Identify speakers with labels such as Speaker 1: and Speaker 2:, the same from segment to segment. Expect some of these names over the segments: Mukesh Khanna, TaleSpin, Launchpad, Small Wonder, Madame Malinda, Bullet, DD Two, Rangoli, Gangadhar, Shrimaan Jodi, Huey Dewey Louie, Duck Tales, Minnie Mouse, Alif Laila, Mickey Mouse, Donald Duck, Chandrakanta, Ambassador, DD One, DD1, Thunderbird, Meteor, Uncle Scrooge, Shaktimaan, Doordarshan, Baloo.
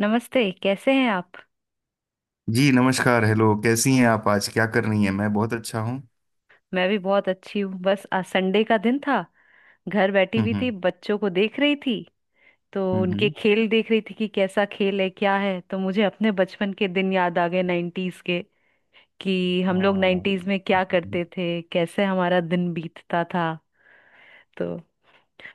Speaker 1: नमस्ते। कैसे हैं आप?
Speaker 2: जी नमस्कार। हेलो, कैसी हैं आप? आज क्या कर रही हैं? मैं बहुत अच्छा हूँ।
Speaker 1: मैं भी बहुत अच्छी हूँ। बस आज संडे का दिन था। घर बैठी
Speaker 2: हम्म,
Speaker 1: हुई थी,
Speaker 2: हम्म।
Speaker 1: बच्चों को देख रही थी। तो
Speaker 2: हम्म,
Speaker 1: उनके खेल देख रही थी कि कैसा खेल है, क्या है। तो मुझे अपने बचपन के दिन याद आ गए, नाइन्टीज के। कि हम लोग
Speaker 2: हाँ।
Speaker 1: नाइन्टीज में क्या करते थे, कैसे हमारा दिन बीतता था। तो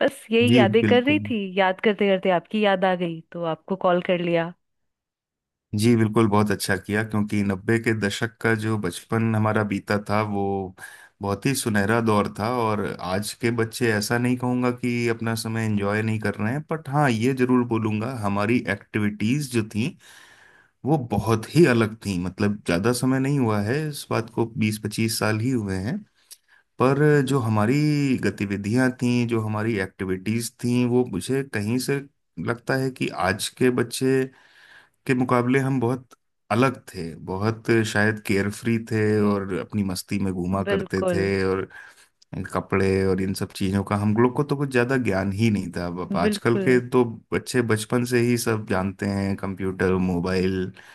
Speaker 1: बस यही
Speaker 2: जी
Speaker 1: यादें कर रही
Speaker 2: बिल्कुल।
Speaker 1: थी। याद करते करते आपकी याद आ गई तो आपको कॉल कर लिया।
Speaker 2: जी बिल्कुल, बहुत अच्छा किया, क्योंकि नब्बे के दशक का जो बचपन हमारा बीता था वो बहुत ही सुनहरा दौर था। और आज के बच्चे, ऐसा नहीं कहूँगा कि अपना समय एंजॉय नहीं कर रहे हैं, बट हाँ, ये जरूर बोलूँगा, हमारी एक्टिविटीज़ जो थी वो बहुत ही अलग थी। मतलब ज़्यादा समय नहीं हुआ है इस बात को, 20-25 साल ही हुए हैं। पर जो
Speaker 1: जी।
Speaker 2: हमारी गतिविधियां थीं, जो हमारी एक्टिविटीज थीं, वो मुझे कहीं से लगता है कि आज के बच्चे के मुकाबले हम बहुत अलग थे। बहुत शायद केयरफ्री थे, और अपनी मस्ती में घूमा करते थे।
Speaker 1: बिल्कुल
Speaker 2: और कपड़े और इन सब चीजों का हम लोग को तो कुछ ज्यादा ज्ञान ही नहीं था। अब आजकल के
Speaker 1: बिल्कुल।
Speaker 2: तो बच्चे बचपन से ही सब जानते हैं, कंप्यूटर, मोबाइल।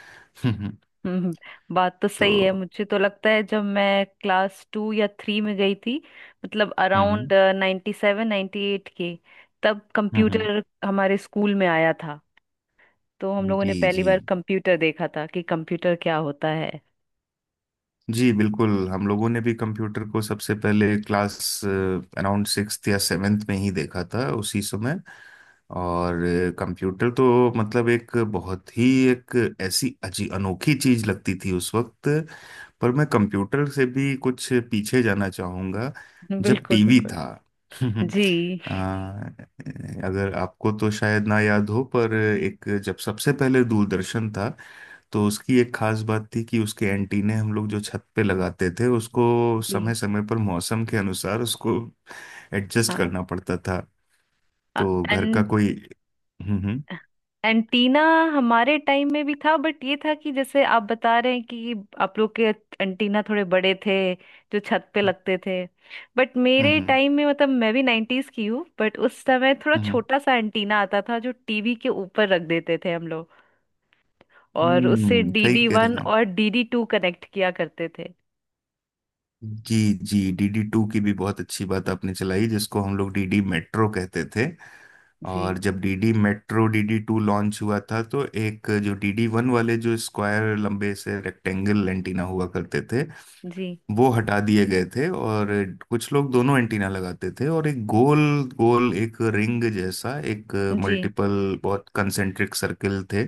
Speaker 1: हम्म, बात तो
Speaker 2: तो।
Speaker 1: सही है। मुझे तो लगता है जब मैं क्लास टू या थ्री में गई थी, मतलब
Speaker 2: हम्म,
Speaker 1: अराउंड 97-98 के, तब
Speaker 2: हम्म, हम्म।
Speaker 1: कंप्यूटर हमारे स्कूल में आया था। तो हम लोगों ने
Speaker 2: जी,
Speaker 1: पहली
Speaker 2: जी।
Speaker 1: बार कंप्यूटर देखा था कि कंप्यूटर क्या होता है।
Speaker 2: जी बिल्कुल, हम लोगों ने भी कंप्यूटर को सबसे पहले क्लास अराउंड सिक्स्थ या सेवेंथ में ही देखा था, उसी समय। और कंप्यूटर तो मतलब एक बहुत ही, एक ऐसी अजी अनोखी चीज लगती थी उस वक्त। पर मैं कंप्यूटर से भी कुछ पीछे जाना चाहूँगा, जब
Speaker 1: बिल्कुल
Speaker 2: टीवी
Speaker 1: बिल्कुल।
Speaker 2: था।
Speaker 1: जी
Speaker 2: अ, अगर आपको तो शायद ना याद हो, पर एक, जब सबसे पहले दूरदर्शन था, तो उसकी एक खास बात थी कि उसके एंटीने हम लोग जो छत पे लगाते थे, उसको
Speaker 1: जी।
Speaker 2: समय समय पर मौसम के अनुसार उसको एडजस्ट
Speaker 1: हाँ।
Speaker 2: करना पड़ता था। तो घर का
Speaker 1: एंड
Speaker 2: कोई। हम्म, हम्म,
Speaker 1: एंटीना हमारे टाइम में भी था। बट ये था कि जैसे आप बता रहे हैं कि आप लोग के एंटीना थोड़े बड़े थे, जो छत पे लगते थे। बट
Speaker 2: हम्म,
Speaker 1: मेरे
Speaker 2: हम्म,
Speaker 1: टाइम में, मतलब मैं भी नाइन्टीज की हूँ, बट उस समय थोड़ा
Speaker 2: हम्म,
Speaker 1: छोटा सा एंटीना आता था जो टीवी के ऊपर रख देते थे हम लोग। और उससे
Speaker 2: हम्म। सही
Speaker 1: डीडी
Speaker 2: कह रही
Speaker 1: वन
Speaker 2: हैं आप।
Speaker 1: और डीडी टू कनेक्ट किया करते थे।
Speaker 2: जी, जी। डीडी टू की भी बहुत अच्छी बात आपने चलाई, जिसको हम लोग डीडी मेट्रो कहते थे।
Speaker 1: जी
Speaker 2: और जब DD metro, DD two launch हुआ था, तो एक जो डीडी वन वाले, जो स्क्वायर लंबे से रेक्टेंगल एंटीना हुआ करते थे,
Speaker 1: जी
Speaker 2: वो हटा दिए गए थे। और कुछ लोग दोनों एंटीना लगाते थे, और एक गोल गोल, एक रिंग जैसा, एक
Speaker 1: जी
Speaker 2: मल्टीपल बहुत कंसेंट्रिक सर्किल थे।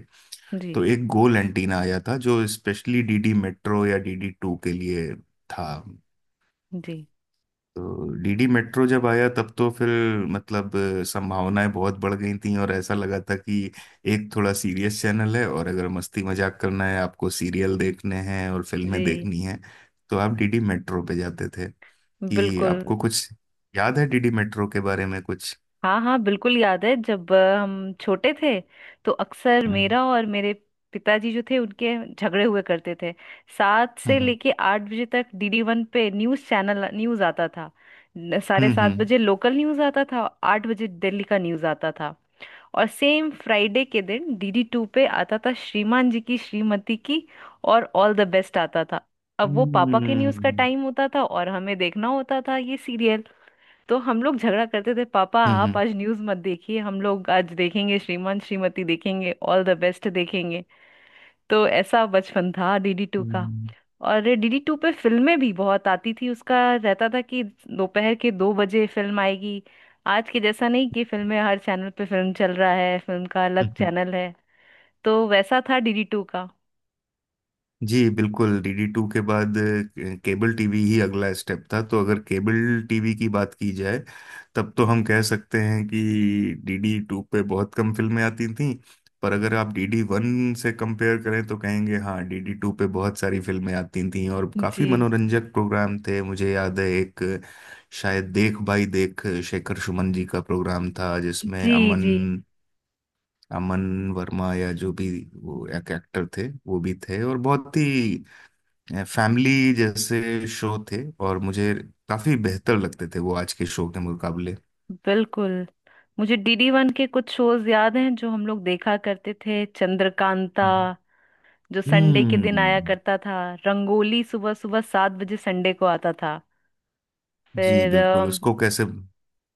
Speaker 1: जी
Speaker 2: तो एक गोल एंटीना आया था जो स्पेशली डीडी मेट्रो या डीडी टू के लिए था।
Speaker 1: जी
Speaker 2: तो डीडी मेट्रो जब आया तब तो फिर, मतलब, संभावनाएं बहुत बढ़ गई थी, और ऐसा लगा था कि एक थोड़ा सीरियस चैनल है, और अगर मस्ती मजाक करना है, आपको सीरियल देखने हैं और फिल्में
Speaker 1: जी।
Speaker 2: देखनी हैं, तो आप डीडी मेट्रो पे जाते थे। कि
Speaker 1: बिल्कुल।
Speaker 2: आपको कुछ याद है डीडी मेट्रो के बारे में कुछ?
Speaker 1: हाँ हाँ बिल्कुल याद है। जब हम छोटे थे तो अक्सर
Speaker 2: हम्म,
Speaker 1: मेरा और मेरे पिताजी जो थे उनके झगड़े हुए करते थे। सात से
Speaker 2: हम्म,
Speaker 1: लेके आठ बजे तक डीडी वन पे न्यूज़ चैनल, न्यूज़ आता था। साढ़े सात
Speaker 2: हम्म,
Speaker 1: बजे लोकल न्यूज़ आता था, 8 बजे दिल्ली का न्यूज़ आता था। और सेम फ्राइडे के दिन डीडी टू पे आता था, श्रीमान जी की श्रीमती की, और ऑल द बेस्ट आता था। अब वो
Speaker 2: हम्म,
Speaker 1: पापा के न्यूज़ का
Speaker 2: हम्म,
Speaker 1: टाइम होता था और हमें देखना होता था ये सीरियल। तो हम लोग झगड़ा करते थे, पापा आप
Speaker 2: हम्म,
Speaker 1: आज न्यूज़ मत देखिए, हम लोग आज देखेंगे, श्रीमान श्रीमती देखेंगे, ऑल द बेस्ट देखेंगे। तो ऐसा बचपन था डीडी टू का।
Speaker 2: हम्म,
Speaker 1: और डीडी टू पे फिल्में भी बहुत आती थी। उसका रहता था कि दोपहर के 2 बजे फिल्म आएगी। आज के जैसा नहीं कि फिल्में हर चैनल पे फिल्म चल रहा है, फिल्म का अलग
Speaker 2: हम्म।
Speaker 1: चैनल है। तो वैसा था डीडी टू का।
Speaker 2: जी बिल्कुल, डीडी टू के बाद केबल टीवी ही अगला स्टेप था। तो अगर केबल टीवी की बात की जाए, तब तो हम कह सकते हैं कि डीडी टू पे बहुत कम फिल्में आती थीं। पर अगर आप डीडी वन से कंपेयर करें तो कहेंगे, हाँ, डीडी टू पे बहुत सारी फिल्में आती थीं, और काफ़ी
Speaker 1: जी
Speaker 2: मनोरंजक प्रोग्राम थे। मुझे याद है, एक शायद देख भाई देख, शेखर सुमन जी का प्रोग्राम था, जिसमें
Speaker 1: जी। जी
Speaker 2: अमन अमन वर्मा, या जो भी, वो एक एक्टर थे, वो भी थे। और बहुत ही फैमिली जैसे शो थे, और मुझे काफी बेहतर लगते थे वो आज के शो के मुकाबले।
Speaker 1: बिल्कुल। मुझे डीडी वन के कुछ शोज याद हैं जो हम लोग देखा करते थे। चंद्रकांता
Speaker 2: हम्म।
Speaker 1: जो संडे के दिन आया
Speaker 2: हम्म।
Speaker 1: करता था। रंगोली सुबह सुबह 7 बजे संडे को आता था।
Speaker 2: जी
Speaker 1: फिर
Speaker 2: बिल्कुल, उसको कैसे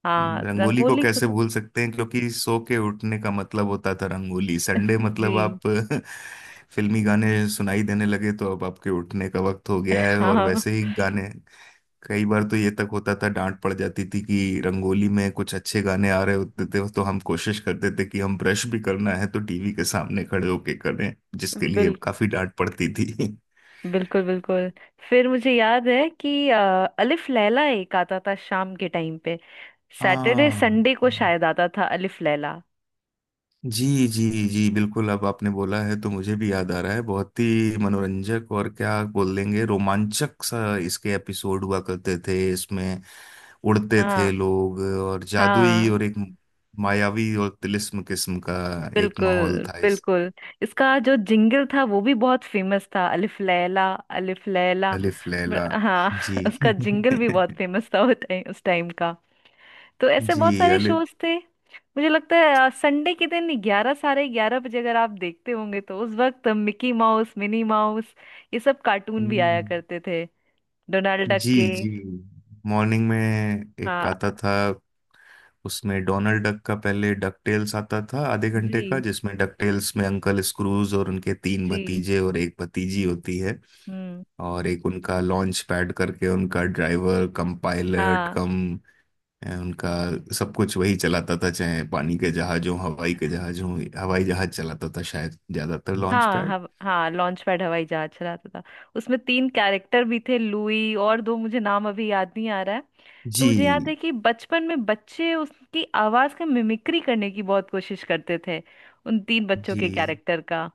Speaker 1: हाँ
Speaker 2: रंगोली को
Speaker 1: रंगोली को
Speaker 2: कैसे
Speaker 1: तो।
Speaker 2: भूल सकते हैं, क्योंकि सो के उठने का मतलब होता था रंगोली। संडे मतलब
Speaker 1: जी।
Speaker 2: आप, फिल्मी गाने सुनाई देने लगे तो अब आपके उठने का वक्त हो गया है। और
Speaker 1: हाँ।
Speaker 2: वैसे ही गाने, कई बार तो ये तक होता था, डांट पड़ जाती थी कि रंगोली में कुछ अच्छे गाने आ रहे होते थे, तो हम कोशिश करते थे कि हम, ब्रश भी करना है तो टीवी के सामने खड़े होके करें, जिसके लिए
Speaker 1: बिल
Speaker 2: काफी डांट पड़ती थी।
Speaker 1: बिल्कुल बिल्कुल। फिर मुझे याद है कि अलिफ लैला एक आता था शाम के टाइम पे। सैटरडे
Speaker 2: हाँ।
Speaker 1: संडे को शायद आता था अलिफ लैला।
Speaker 2: जी, जी। जी बिल्कुल, अब आपने बोला है तो मुझे भी याद आ रहा है। बहुत ही मनोरंजक, और क्या बोल देंगे, रोमांचक सा इसके एपिसोड हुआ करते थे। इसमें उड़ते थे
Speaker 1: हाँ
Speaker 2: लोग, और जादुई,
Speaker 1: हाँ
Speaker 2: और एक मायावी और तिलिस्म किस्म का एक माहौल
Speaker 1: बिल्कुल
Speaker 2: था।
Speaker 1: बिल्कुल। इसका जो जिंगल था वो भी बहुत फेमस था। अलिफ लैला, अलिफ लैला,
Speaker 2: अलिफ लैला।
Speaker 1: हाँ।
Speaker 2: जी।
Speaker 1: उसका जिंगल भी बहुत फेमस था, वो उस टाइम का। तो ऐसे
Speaker 2: जी।
Speaker 1: बहुत सारे
Speaker 2: अलिफ।
Speaker 1: शोज थे। मुझे लगता है संडे के दिन 11, 11:30 बजे अगर आप देखते होंगे तो उस वक्त मिकी माउस, मिनी माउस, ये सब कार्टून भी आया
Speaker 2: हम्म,
Speaker 1: करते थे। डोनाल्ड डक
Speaker 2: जी,
Speaker 1: के।
Speaker 2: जी। मॉर्निंग में एक
Speaker 1: हाँ।
Speaker 2: आता था, उसमें डोनाल्ड डक का, पहले डक टेल्स आता था आधे घंटे का,
Speaker 1: जी
Speaker 2: जिसमें डक टेल्स में अंकल स्क्रूज और उनके तीन
Speaker 1: जी।
Speaker 2: भतीजे और एक भतीजी होती है।
Speaker 1: हम्म।
Speaker 2: और एक उनका लॉन्च पैड करके, उनका ड्राइवर कम पायलट
Speaker 1: हाँ
Speaker 2: कम उनका सब कुछ वही चलाता था, चाहे पानी के जहाज हो, हवाई के जहाज हो, हवाई जहाज चलाता था शायद ज्यादातर लॉन्च
Speaker 1: हाँ
Speaker 2: पैड।
Speaker 1: हाँ लॉन्च पैड हवाई जहाज चलाता था। उसमें तीन कैरेक्टर भी थे, लुई और दो, मुझे नाम अभी याद नहीं आ रहा है। तो मुझे याद
Speaker 2: जी,
Speaker 1: है कि बचपन में बच्चे उसकी आवाज का मिमिक्री करने की बहुत कोशिश करते थे, उन तीन बच्चों
Speaker 2: जी।
Speaker 1: के कैरेक्टर का।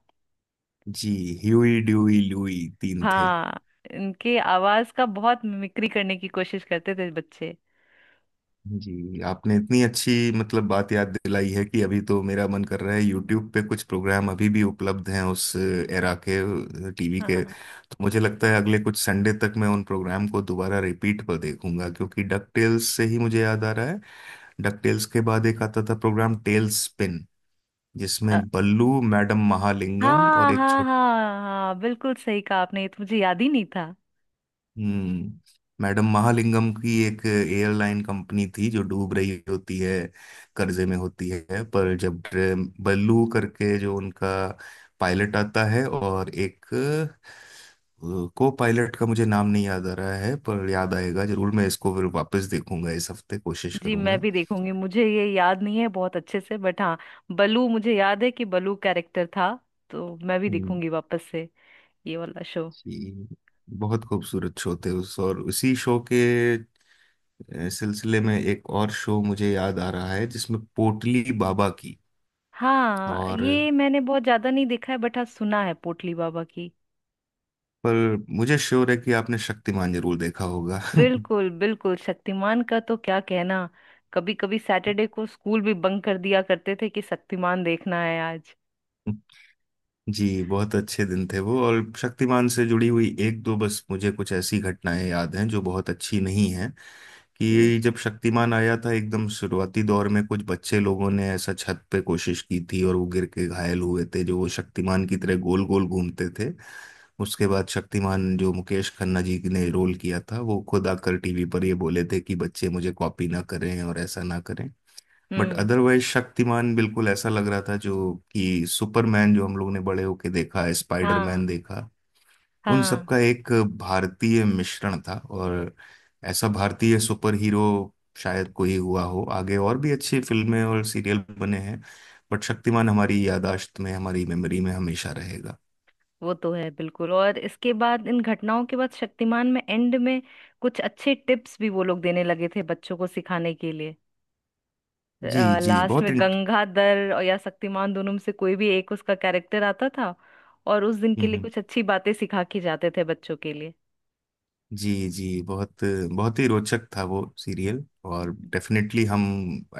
Speaker 2: जी, ह्यूई ड्यूई ल्यूई तीन थे।
Speaker 1: हाँ, इनके आवाज का बहुत मिमिक्री करने की कोशिश करते थे बच्चे।
Speaker 2: जी, आपने इतनी अच्छी, मतलब, बात याद दिलाई है कि अभी तो मेरा मन कर रहा है, यूट्यूब पे कुछ प्रोग्राम अभी भी उपलब्ध हैं उस एरा के टीवी के,
Speaker 1: हाँ
Speaker 2: तो मुझे लगता है अगले कुछ संडे तक मैं उन प्रोग्राम को दोबारा रिपीट पर देखूंगा, क्योंकि डक टेल्स से ही मुझे याद आ रहा है, डक टेल्स के बाद एक आता था प्रोग्राम टेल स्पिन, जिसमें
Speaker 1: अ,
Speaker 2: बल्लू, मैडम महालिंगम, और
Speaker 1: हाँ
Speaker 2: एक,
Speaker 1: हाँ हाँ हाँ बिल्कुल सही कहा आपने, ये तो मुझे याद ही नहीं था।
Speaker 2: हम्म, मैडम महालिंगम की एक एयरलाइन कंपनी थी जो डूब रही होती है, कर्जे में होती है, पर जब बल्लू करके जो उनका पायलट आता है, और एक को पायलट का मुझे नाम नहीं याद आ रहा है, पर याद आएगा जरूर, मैं इसको फिर वापस देखूंगा, इस हफ्ते कोशिश
Speaker 1: जी मैं
Speaker 2: करूंगा।
Speaker 1: भी देखूंगी, मुझे ये याद नहीं है बहुत अच्छे से, बट हाँ। बलू, मुझे याद है कि बलू कैरेक्टर था। तो मैं भी
Speaker 2: हम्म।
Speaker 1: देखूंगी वापस से ये वाला शो।
Speaker 2: जी, बहुत खूबसूरत शो थे उस और उसी शो के सिलसिले में एक और शो मुझे याद आ रहा है, जिसमें पोटली बाबा की,
Speaker 1: हाँ
Speaker 2: और,
Speaker 1: ये मैंने बहुत ज्यादा नहीं देखा है, बट हाँ सुना है, पोटली बाबा की।
Speaker 2: पर, मुझे श्योर है कि आपने शक्तिमान जरूर देखा होगा।
Speaker 1: बिल्कुल बिल्कुल। शक्तिमान का तो क्या कहना। कभी कभी सैटरडे को स्कूल भी बंक कर दिया करते थे कि शक्तिमान देखना है आज।
Speaker 2: जी, बहुत अच्छे दिन थे वो। और शक्तिमान से जुड़ी हुई एक दो बस मुझे कुछ ऐसी घटनाएं याद हैं जो बहुत अच्छी नहीं हैं,
Speaker 1: जी।
Speaker 2: कि जब शक्तिमान आया था एकदम शुरुआती दौर में, कुछ बच्चे लोगों ने ऐसा छत पे कोशिश की थी, और वो गिर के घायल हुए थे, जो वो शक्तिमान की तरह गोल गोल घूमते थे। उसके बाद शक्तिमान जो मुकेश खन्ना जी ने रोल किया था, वो खुद आकर टीवी पर ये बोले थे कि बच्चे मुझे कॉपी ना करें और ऐसा ना करें। बट
Speaker 1: हम्म।
Speaker 2: अदरवाइज शक्तिमान बिल्कुल ऐसा लग रहा था, जो कि सुपरमैन जो हम लोग ने बड़े होके देखा है,
Speaker 1: हाँ
Speaker 2: स्पाइडरमैन देखा, उन
Speaker 1: हाँ।
Speaker 2: सबका एक भारतीय मिश्रण था, और ऐसा भारतीय सुपर हीरो शायद कोई हुआ हो आगे, और भी अच्छी फिल्में और सीरियल बने हैं, बट शक्तिमान हमारी याददाश्त में, हमारी मेमोरी में हमेशा रहेगा।
Speaker 1: वो तो है बिल्कुल। और इसके बाद, इन घटनाओं के बाद, शक्तिमान में एंड में कुछ अच्छे टिप्स भी वो लोग देने लगे थे बच्चों को सिखाने के लिए।
Speaker 2: जी, जी,
Speaker 1: लास्ट
Speaker 2: बहुत,
Speaker 1: में गंगाधर और या शक्तिमान, दोनों में से कोई भी एक उसका कैरेक्टर आता था, और उस दिन के लिए
Speaker 2: इंट
Speaker 1: कुछ अच्छी बातें सिखा के जाते थे बच्चों के लिए।
Speaker 2: जी, जी, बहुत, बहुत ही रोचक था वो सीरियल। और डेफिनेटली, हम,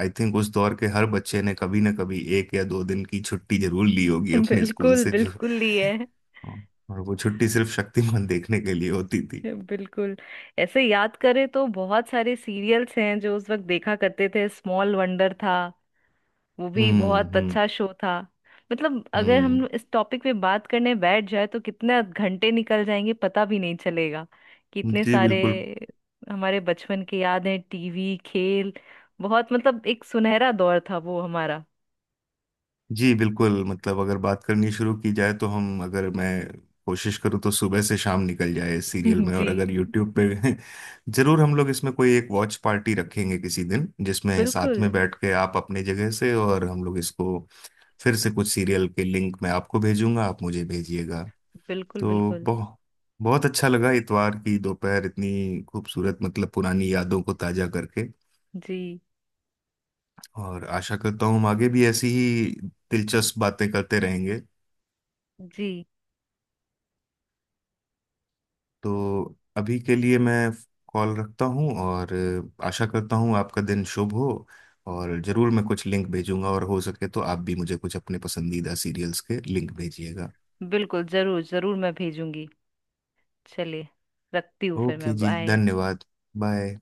Speaker 2: आई थिंक उस दौर के हर बच्चे ने कभी ना कभी एक या दो दिन की छुट्टी जरूर ली होगी अपने स्कूल
Speaker 1: बिल्कुल
Speaker 2: से, जो,
Speaker 1: बिल्कुल ही है।
Speaker 2: और वो छुट्टी सिर्फ शक्तिमान देखने के लिए होती थी।
Speaker 1: बिल्कुल। ऐसे याद करें तो बहुत सारे सीरियल्स हैं जो उस वक्त देखा करते थे। स्मॉल वंडर था, वो भी
Speaker 2: हम्म,
Speaker 1: बहुत
Speaker 2: हम्म,
Speaker 1: अच्छा शो था। मतलब अगर
Speaker 2: हम्म।
Speaker 1: हम इस टॉपिक पे बात करने बैठ जाए तो कितने घंटे निकल जाएंगे पता भी नहीं चलेगा, कि इतने
Speaker 2: जी
Speaker 1: सारे
Speaker 2: बिल्कुल।
Speaker 1: हमारे बचपन के याद हैं, टीवी, खेल, बहुत। मतलब एक सुनहरा दौर था वो हमारा।
Speaker 2: जी बिल्कुल, मतलब अगर बात करनी शुरू की जाए, तो हम अगर मैं कोशिश करूं तो सुबह से शाम निकल जाए इस सीरियल में, और
Speaker 1: जी
Speaker 2: अगर यूट्यूब पे, जरूर हम लोग इसमें कोई एक वॉच पार्टी रखेंगे किसी दिन, जिसमें साथ
Speaker 1: बिल्कुल
Speaker 2: में बैठ के, आप अपने जगह से और हम लोग इसको फिर से, कुछ सीरियल के लिंक मैं आपको भेजूंगा, आप मुझे भेजिएगा।
Speaker 1: बिल्कुल।
Speaker 2: तो
Speaker 1: बिल्कुल।
Speaker 2: बहुत, बहुत अच्छा लगा, इतवार की दोपहर इतनी खूबसूरत, मतलब, पुरानी यादों को ताजा करके।
Speaker 1: जी
Speaker 2: और आशा करता हूँ हम आगे भी ऐसी ही दिलचस्प बातें करते रहेंगे।
Speaker 1: जी।
Speaker 2: तो अभी के लिए मैं कॉल रखता हूँ, और आशा करता हूँ आपका दिन शुभ हो, और जरूर मैं कुछ लिंक भेजूंगा, और हो सके तो आप भी मुझे कुछ अपने पसंदीदा सीरियल्स के लिंक भेजिएगा।
Speaker 1: बिल्कुल, जरूर जरूर मैं भेजूंगी। चलिए, रखती हूँ फिर।
Speaker 2: ओके
Speaker 1: मैं,
Speaker 2: जी,
Speaker 1: बाय।
Speaker 2: धन्यवाद। बाय।